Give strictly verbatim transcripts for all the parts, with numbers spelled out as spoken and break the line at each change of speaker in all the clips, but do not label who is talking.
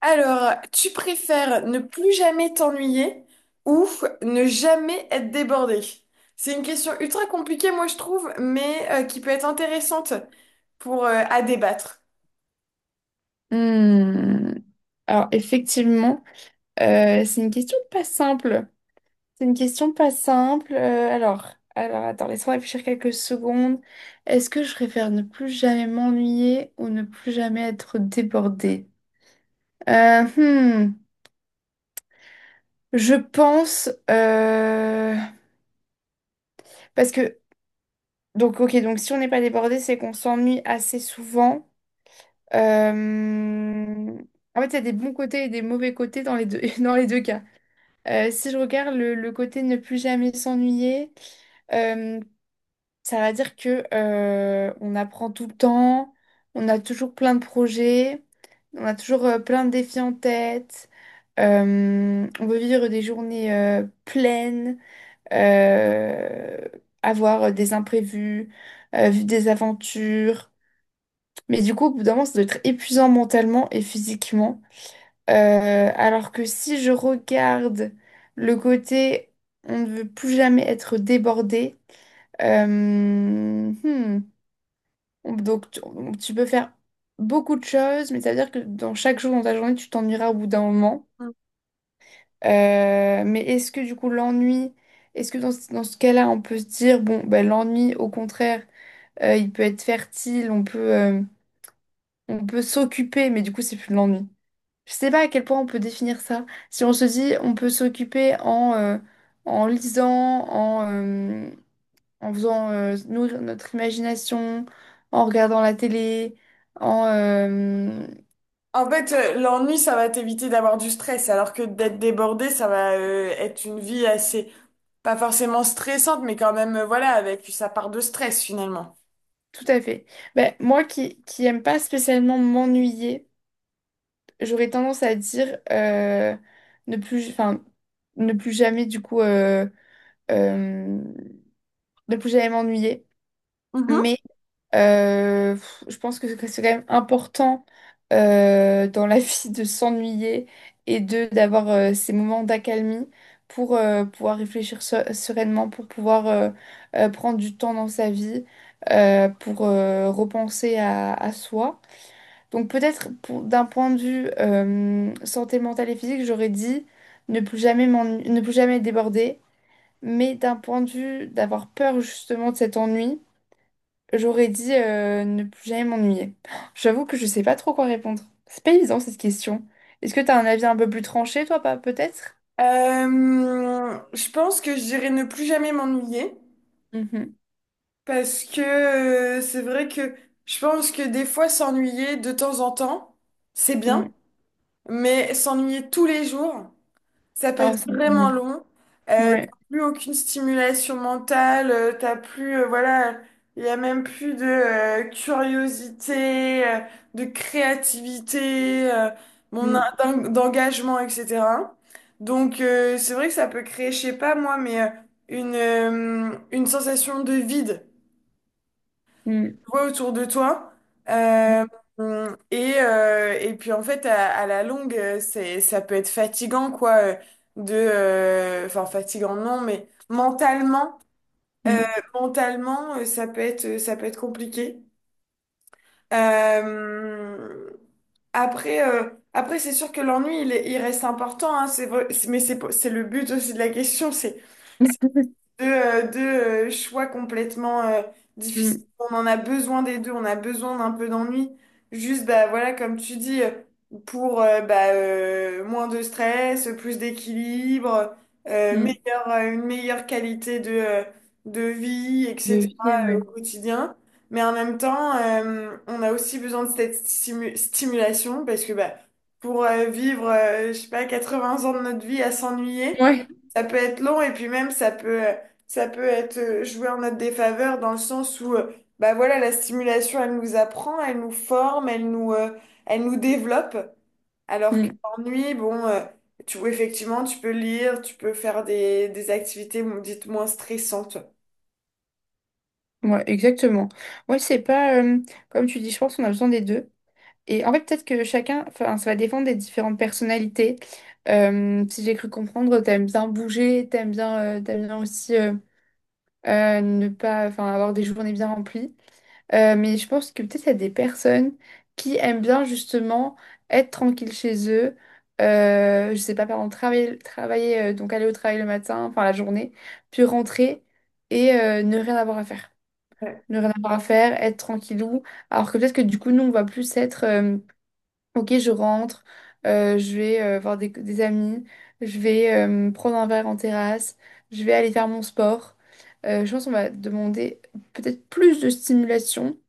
Alors, tu préfères ne plus jamais t'ennuyer ou ne jamais être débordé? C'est une question ultra compliquée, moi, je trouve, mais euh, qui peut être intéressante pour, euh, à débattre.
Hmm. Alors effectivement, euh, c'est une question pas simple. C'est une question pas simple. Euh, alors, alors attends, laisse-moi réfléchir quelques secondes. Est-ce que je préfère ne plus jamais m'ennuyer ou ne plus jamais être débordée? Euh, hmm, je pense euh, parce que donc ok, donc si on n'est pas débordé c'est qu'on s'ennuie assez souvent. Euh, En fait il y a des bons côtés et des mauvais côtés dans les deux dans les deux cas. Euh, si je regarde le, le côté ne plus jamais s'ennuyer, euh, ça va dire que euh, on apprend tout le temps, on a toujours plein de projets, on a toujours euh, plein de défis en tête, euh, on veut vivre des journées euh, pleines, euh, avoir des imprévus, euh, vivre des aventures. Mais du coup, au bout d'un moment, ça doit être épuisant mentalement et physiquement. Euh, alors que si je regarde le côté on ne veut plus jamais être débordé, euh, hmm, donc tu, tu peux faire beaucoup de choses, mais ça veut dire que dans chaque jour dans ta journée, tu t'ennuieras au bout d'un moment.
Mm.
Euh, mais est-ce que du coup l'ennui, est-ce que dans, ce dans ce cas-là, on peut se dire, bon, ben, l'ennui, au contraire, euh, il peut être fertile, on peut, euh, on peut s'occuper, mais du coup, c'est plus de l'ennui. Je sais pas à quel point on peut définir ça. Si on se dit, on peut s'occuper en, euh, en lisant, en, euh, en faisant euh, nourrir notre imagination, en regardant la télé, en... euh,
En fait, euh, l'ennui, ça va t'éviter d'avoir du stress, alors que d'être débordé, ça va euh, être une vie assez, pas forcément stressante, mais quand même, euh, voilà, avec sa part de stress, finalement.
tout à fait. Ben, moi qui, qui aime pas spécialement m'ennuyer, j'aurais tendance à dire euh, ne plus, enfin, ne plus jamais du coup... euh, euh, ne plus jamais m'ennuyer.
Mhm.
Mais Euh, pff, je pense que c'est quand même important euh, dans la vie de s'ennuyer et de d'avoir euh, ces moments d'accalmie pour euh, pouvoir réfléchir se- sereinement, pour pouvoir euh, euh, prendre du temps dans sa vie, euh, pour euh, repenser à, à soi. Donc peut-être pour- d'un point de vue euh, santé mentale et physique, j'aurais dit ne plus jamais m'ennu- ne plus jamais déborder, mais d'un point de vue d'avoir peur justement de cet ennui. J'aurais dit euh, ne plus jamais m'ennuyer. J'avoue que je sais pas trop quoi répondre. C'est pas évident cette question. Est-ce que t'as un avis un peu plus tranché, toi, pas peut-être?
Euh, je pense que je dirais ne plus jamais m'ennuyer.
Mhm.
Parce que euh, c'est vrai que je pense que des fois s'ennuyer de temps en temps, c'est bien,
Mm.
mais s'ennuyer tous les jours, ça peut
Ah,
être
c'est
vraiment
pénible.
long. Euh,
Ouais.
t'as plus aucune stimulation mentale, euh, t'as plus, euh, voilà, il y a même plus de euh, curiosité, euh, de créativité, euh, mon en-
Mm.
d'en- d'engagement, etcétéra. Donc euh, c'est vrai que ça peut créer, je sais pas moi, mais euh, une, euh, une sensation de vide
Mm.
vois autour de toi. Euh, et, euh, et puis en fait, à, à la longue, euh, c'est, ça peut être fatigant, quoi, euh, de, euh, enfin fatigant non, mais mentalement, euh,
Mm.
mentalement, euh, ça peut être, euh, ça peut être compliqué. Euh, après, euh, après, c'est sûr que l'ennui, il, est- il reste important, hein, c'est vrai, c'est- mais c'est, pas- c'est le but aussi de la question, c'est
Mm.
deux, euh, deux, euh, choix complètement euh, difficiles.
Mm.
On en a besoin des deux, on a besoin d'un peu d'ennui. Juste, bah, voilà, comme tu dis, euh, pour euh, bah, euh, moins de stress, plus d'équilibre, euh,
Mm.
meilleure, euh, une meilleure qualité de, euh, de vie,
De
etcétéra,
vie,
euh,
ouais.
au quotidien. Mais en même temps, euh, on a aussi besoin de cette stimu- stimulation parce que bah, pour euh, vivre, euh, je sais pas, quatre-vingts ans de notre vie à s'ennuyer,
Ouais.
ça peut être long et puis même ça peut... euh, ça peut être euh, joué en notre défaveur dans le sens où, euh, bah voilà, la stimulation, elle nous apprend, elle nous forme, elle nous, euh, elle nous développe. Alors que
Mm.
l'ennui, bon, euh, tu, effectivement, tu peux lire, tu peux faire des, des activités, dites moins stressantes.
Ouais, exactement. Ouais, c'est pas euh, comme tu dis, je pense qu'on a besoin des deux. Et en fait, peut-être que chacun, enfin, ça va dépendre des différentes personnalités. Euh, si j'ai cru comprendre, t'aimes bien bouger, t'aimes bien, euh, t'aimes bien aussi, euh, euh, ne pas, enfin, avoir des journées bien remplies. Euh, mais je pense que peut-être il y a des personnes qui aiment bien justement être tranquille chez eux. Euh, je sais pas, par exemple, travailler, travailler, euh, donc aller au travail le matin, enfin la journée, puis rentrer et euh, ne rien avoir à faire. Ne rien avoir à faire, être tranquillou. Alors que peut-être que du coup, nous, on va plus être euh, ok, je rentre, euh, je vais euh, voir des, des amis, je vais euh, me prendre un verre en terrasse, je vais aller faire mon sport. Euh, je pense qu'on va demander peut-être plus de stimulation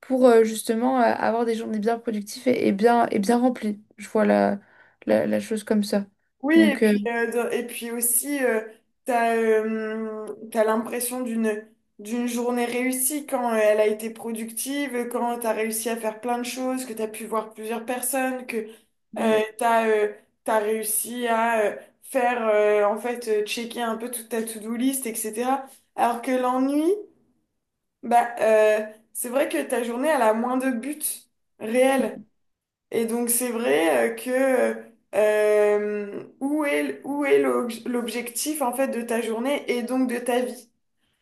pour euh, justement euh, avoir des journées bien productives et, et bien, et bien remplies. Je vois la, la, la chose comme ça.
Oui, et
Donc, euh,
puis, euh, dans- et puis aussi, euh, t'as, euh, t'as l'impression d'une, d'une journée réussie quand euh, elle a été productive, quand t'as réussi à faire plein de choses, que t'as pu voir plusieurs personnes, que euh,
mm.
t'as, euh, t'as réussi à euh, faire, euh, en fait, euh, checker un peu toute ta to-do list, etcétéra. Alors que l'ennui, bah, euh, c'est vrai que ta journée, elle a moins de buts réels
Mm.
et donc c'est vrai euh, que euh, où est, où est l'obj- l'objectif en fait de ta journée et donc de ta vie?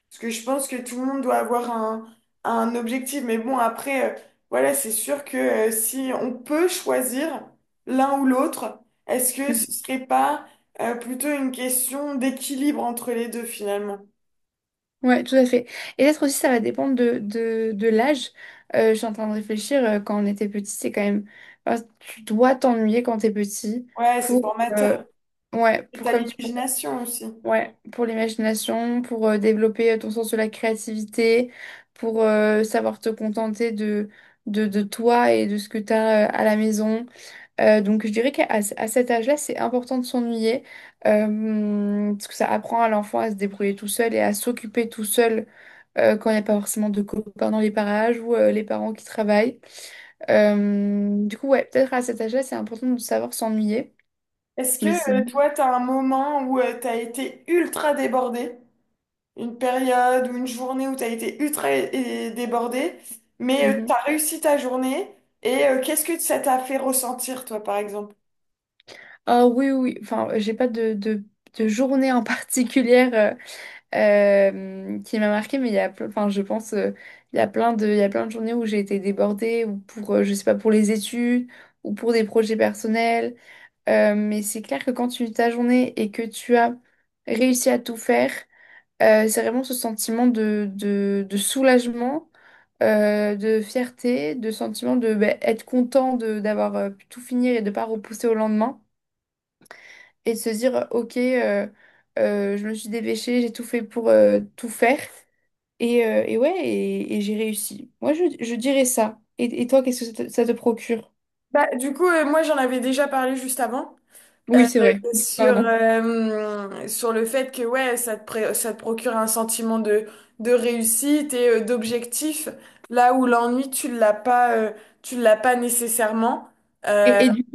Parce que je pense que tout le monde doit avoir un, un objectif. Mais bon, après, euh, voilà, c'est sûr que euh, si on peut choisir l'un ou l'autre, est-ce que ce
Mm.
serait pas euh, plutôt une question d'équilibre entre les deux finalement?
Ouais, tout à fait. Et peut-être aussi, ça va dépendre de, de, de l'âge. Euh, je suis en train de réfléchir, euh, quand on était petit, c'est quand même… enfin, tu dois t'ennuyer quand t'es petit
Ouais, c'est
pour…
formateur.
euh, ouais,
Et
pour
t'as
comme tu… pour-
l'imagination aussi.
ouais, pour l'imagination, pour euh, développer euh, ton sens de la créativité, pour euh, savoir te contenter de, de, de toi et de ce que t'as euh, à la maison. Euh, donc je dirais qu'à à ce- à cet âge-là, c'est important de s'ennuyer, euh, parce que ça apprend à l'enfant à se débrouiller tout seul et à s'occuper tout seul euh, quand il n'y a pas forcément de copains dans les parages ou euh, les parents qui travaillent. Euh, du coup, ouais, peut-être à cet âge-là, c'est important de savoir s'ennuyer.
Est-ce que
Mais
euh,
sinon.
toi, t'as un moment où tu t'as été ultra débordé? Une période ou une journée où tu as été ultra é- débordé, mais
Mhm.
tu as réussi ta journée et euh, qu'est-ce que ça t'a fait ressentir, toi, par exemple?
Ah oui, oui, oui. Enfin, j'ai pas de, de, de journée en particulière euh, euh, qui m'a marquée, mais il y a, ple- enfin, je pense, euh, il y a plein de, il y a plein de journées où j'ai été débordée, ou pour, euh, je sais pas, pour les études, ou pour des projets personnels. Euh, mais c'est clair que quand tu ta journée et que tu as réussi à tout faire, Euh, c'est vraiment ce sentiment de, de, de soulagement, euh, de fierté, de sentiment de ben, être content de d'avoir euh, pu tout finir et de pas repousser au lendemain. Et de se dire, euh, ok, euh, euh, je me suis dépêchée, j'ai tout fait pour euh, tout faire. Et, euh, et ouais, et, et j'ai réussi. Moi, je, je dirais ça. Et, et toi, qu'est-ce que ça te, ça te procure?
Bah, du coup, euh, moi, j'en avais déjà parlé juste avant. euh,
Oui, c'est vrai.
sur,
Pardon.
euh, sur le fait que ouais, ça te, pré- ça te procure un sentiment de, de réussite et euh, d'objectif, là où l'ennui, tu l'as pas, euh, tu l'as pas nécessairement. Euh,
Et, et, du,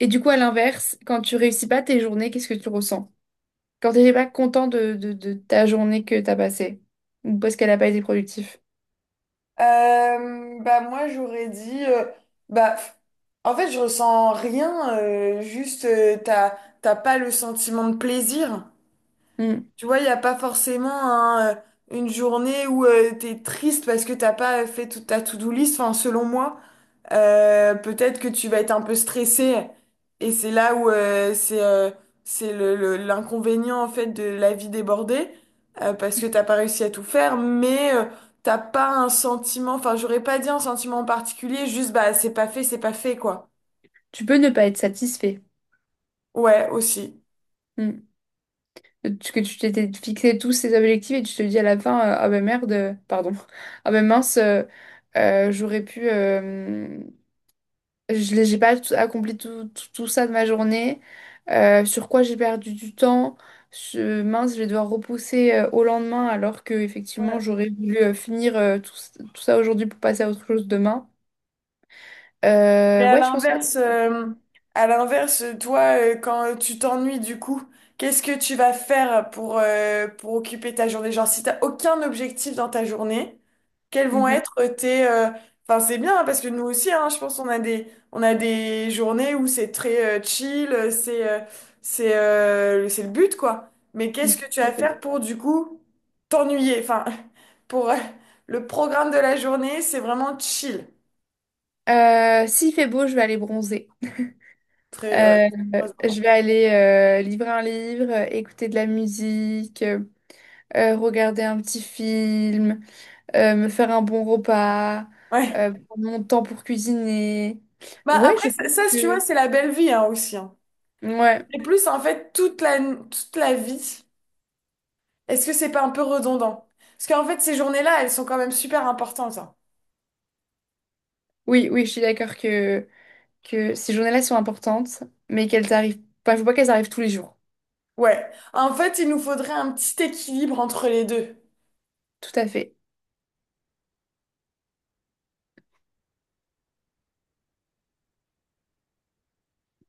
et du coup, à l'inverse, quand tu réussis pas tes journées, qu'est-ce que tu ressens? Quand t'es pas content de, de, de ta journée que t'as passée, ou parce qu'elle n'a pas été productive.
Euh, bah moi j'aurais dit euh, bah f- en fait je ressens rien, euh, juste euh, t'as, t'as pas le sentiment de plaisir,
Mm.
tu vois, il y a pas forcément un, euh, une journée où euh, t'es triste parce que t'as pas fait toute ta to-do list, enfin selon moi. Euh, peut-être que tu vas être un peu stressé et c'est là où euh, c'est euh, c'est le, le- l'inconvénient en fait de la vie débordée, euh, parce que t'as pas réussi à tout faire, mais euh, t'as pas un sentiment, enfin j'aurais pas dit un sentiment en particulier, juste bah c'est pas fait, c'est pas fait, quoi.
Tu peux ne pas être satisfait.
Ouais, aussi.
Mm. Tu- Que tu t'étais fixé tous ces objectifs et tu te dis à la fin, euh, ah ben merde, euh, pardon, ah ben mince, euh, euh, j'aurais pu, euh, je l'ai- j'ai pas tout- accompli tout, tout, tout ça de ma journée, Euh, sur quoi j'ai perdu du temps. Je- mince, je vais devoir repousser euh, au lendemain alors que effectivement j'aurais voulu euh, finir euh, tout, tout ça aujourd'hui pour passer à autre chose demain.
Mais
Euh,
à
ouais, je pense que…
l'inverse, euh, à l'inverse, toi, euh, quand tu t'ennuies du coup, qu'est-ce que tu vas faire pour, euh, pour occuper ta journée? Genre, si t'as aucun objectif dans ta journée, quels vont
Mhm.
être tes... euh, Enfin, c'est bien, hein, parce que nous aussi, hein, je pense qu'on a des, on a des journées où c'est très euh, chill, euh, c'est euh, c'est euh, c'est le but, quoi. Mais
Mhm,
qu'est-ce que tu vas
tout à
faire pour, du coup, t'ennuyer? Enfin, pour euh, le programme de la journée, c'est vraiment chill.
fait. Euh, s'il fait beau, je vais aller bronzer.
Très, ouais,
Euh,
très
je vais
important.
aller euh, livrer un livre, euh, écouter de la musique, euh, euh, regarder un petit film, euh, me faire un bon repas,
Ouais.
euh, prendre mon temps pour cuisiner.
Bah
Ouais,
après,
je pense
ça, ça, si tu vois,
que…
c'est la belle vie, hein, aussi, hein.
Ouais,
Et plus, en fait, toute la, toute la vie, est-ce que c'est pas un peu redondant? Parce qu'en fait, ces journées-là, elles sont quand même super importantes, hein.
oui, oui, je suis d'accord que, que ces journées-là sont importantes, mais qu'elles arrivent… Enfin, faut pas qu'elles arrivent tous les jours.
Ouais. En fait, il nous faudrait un petit équilibre entre les deux.
Tout à fait.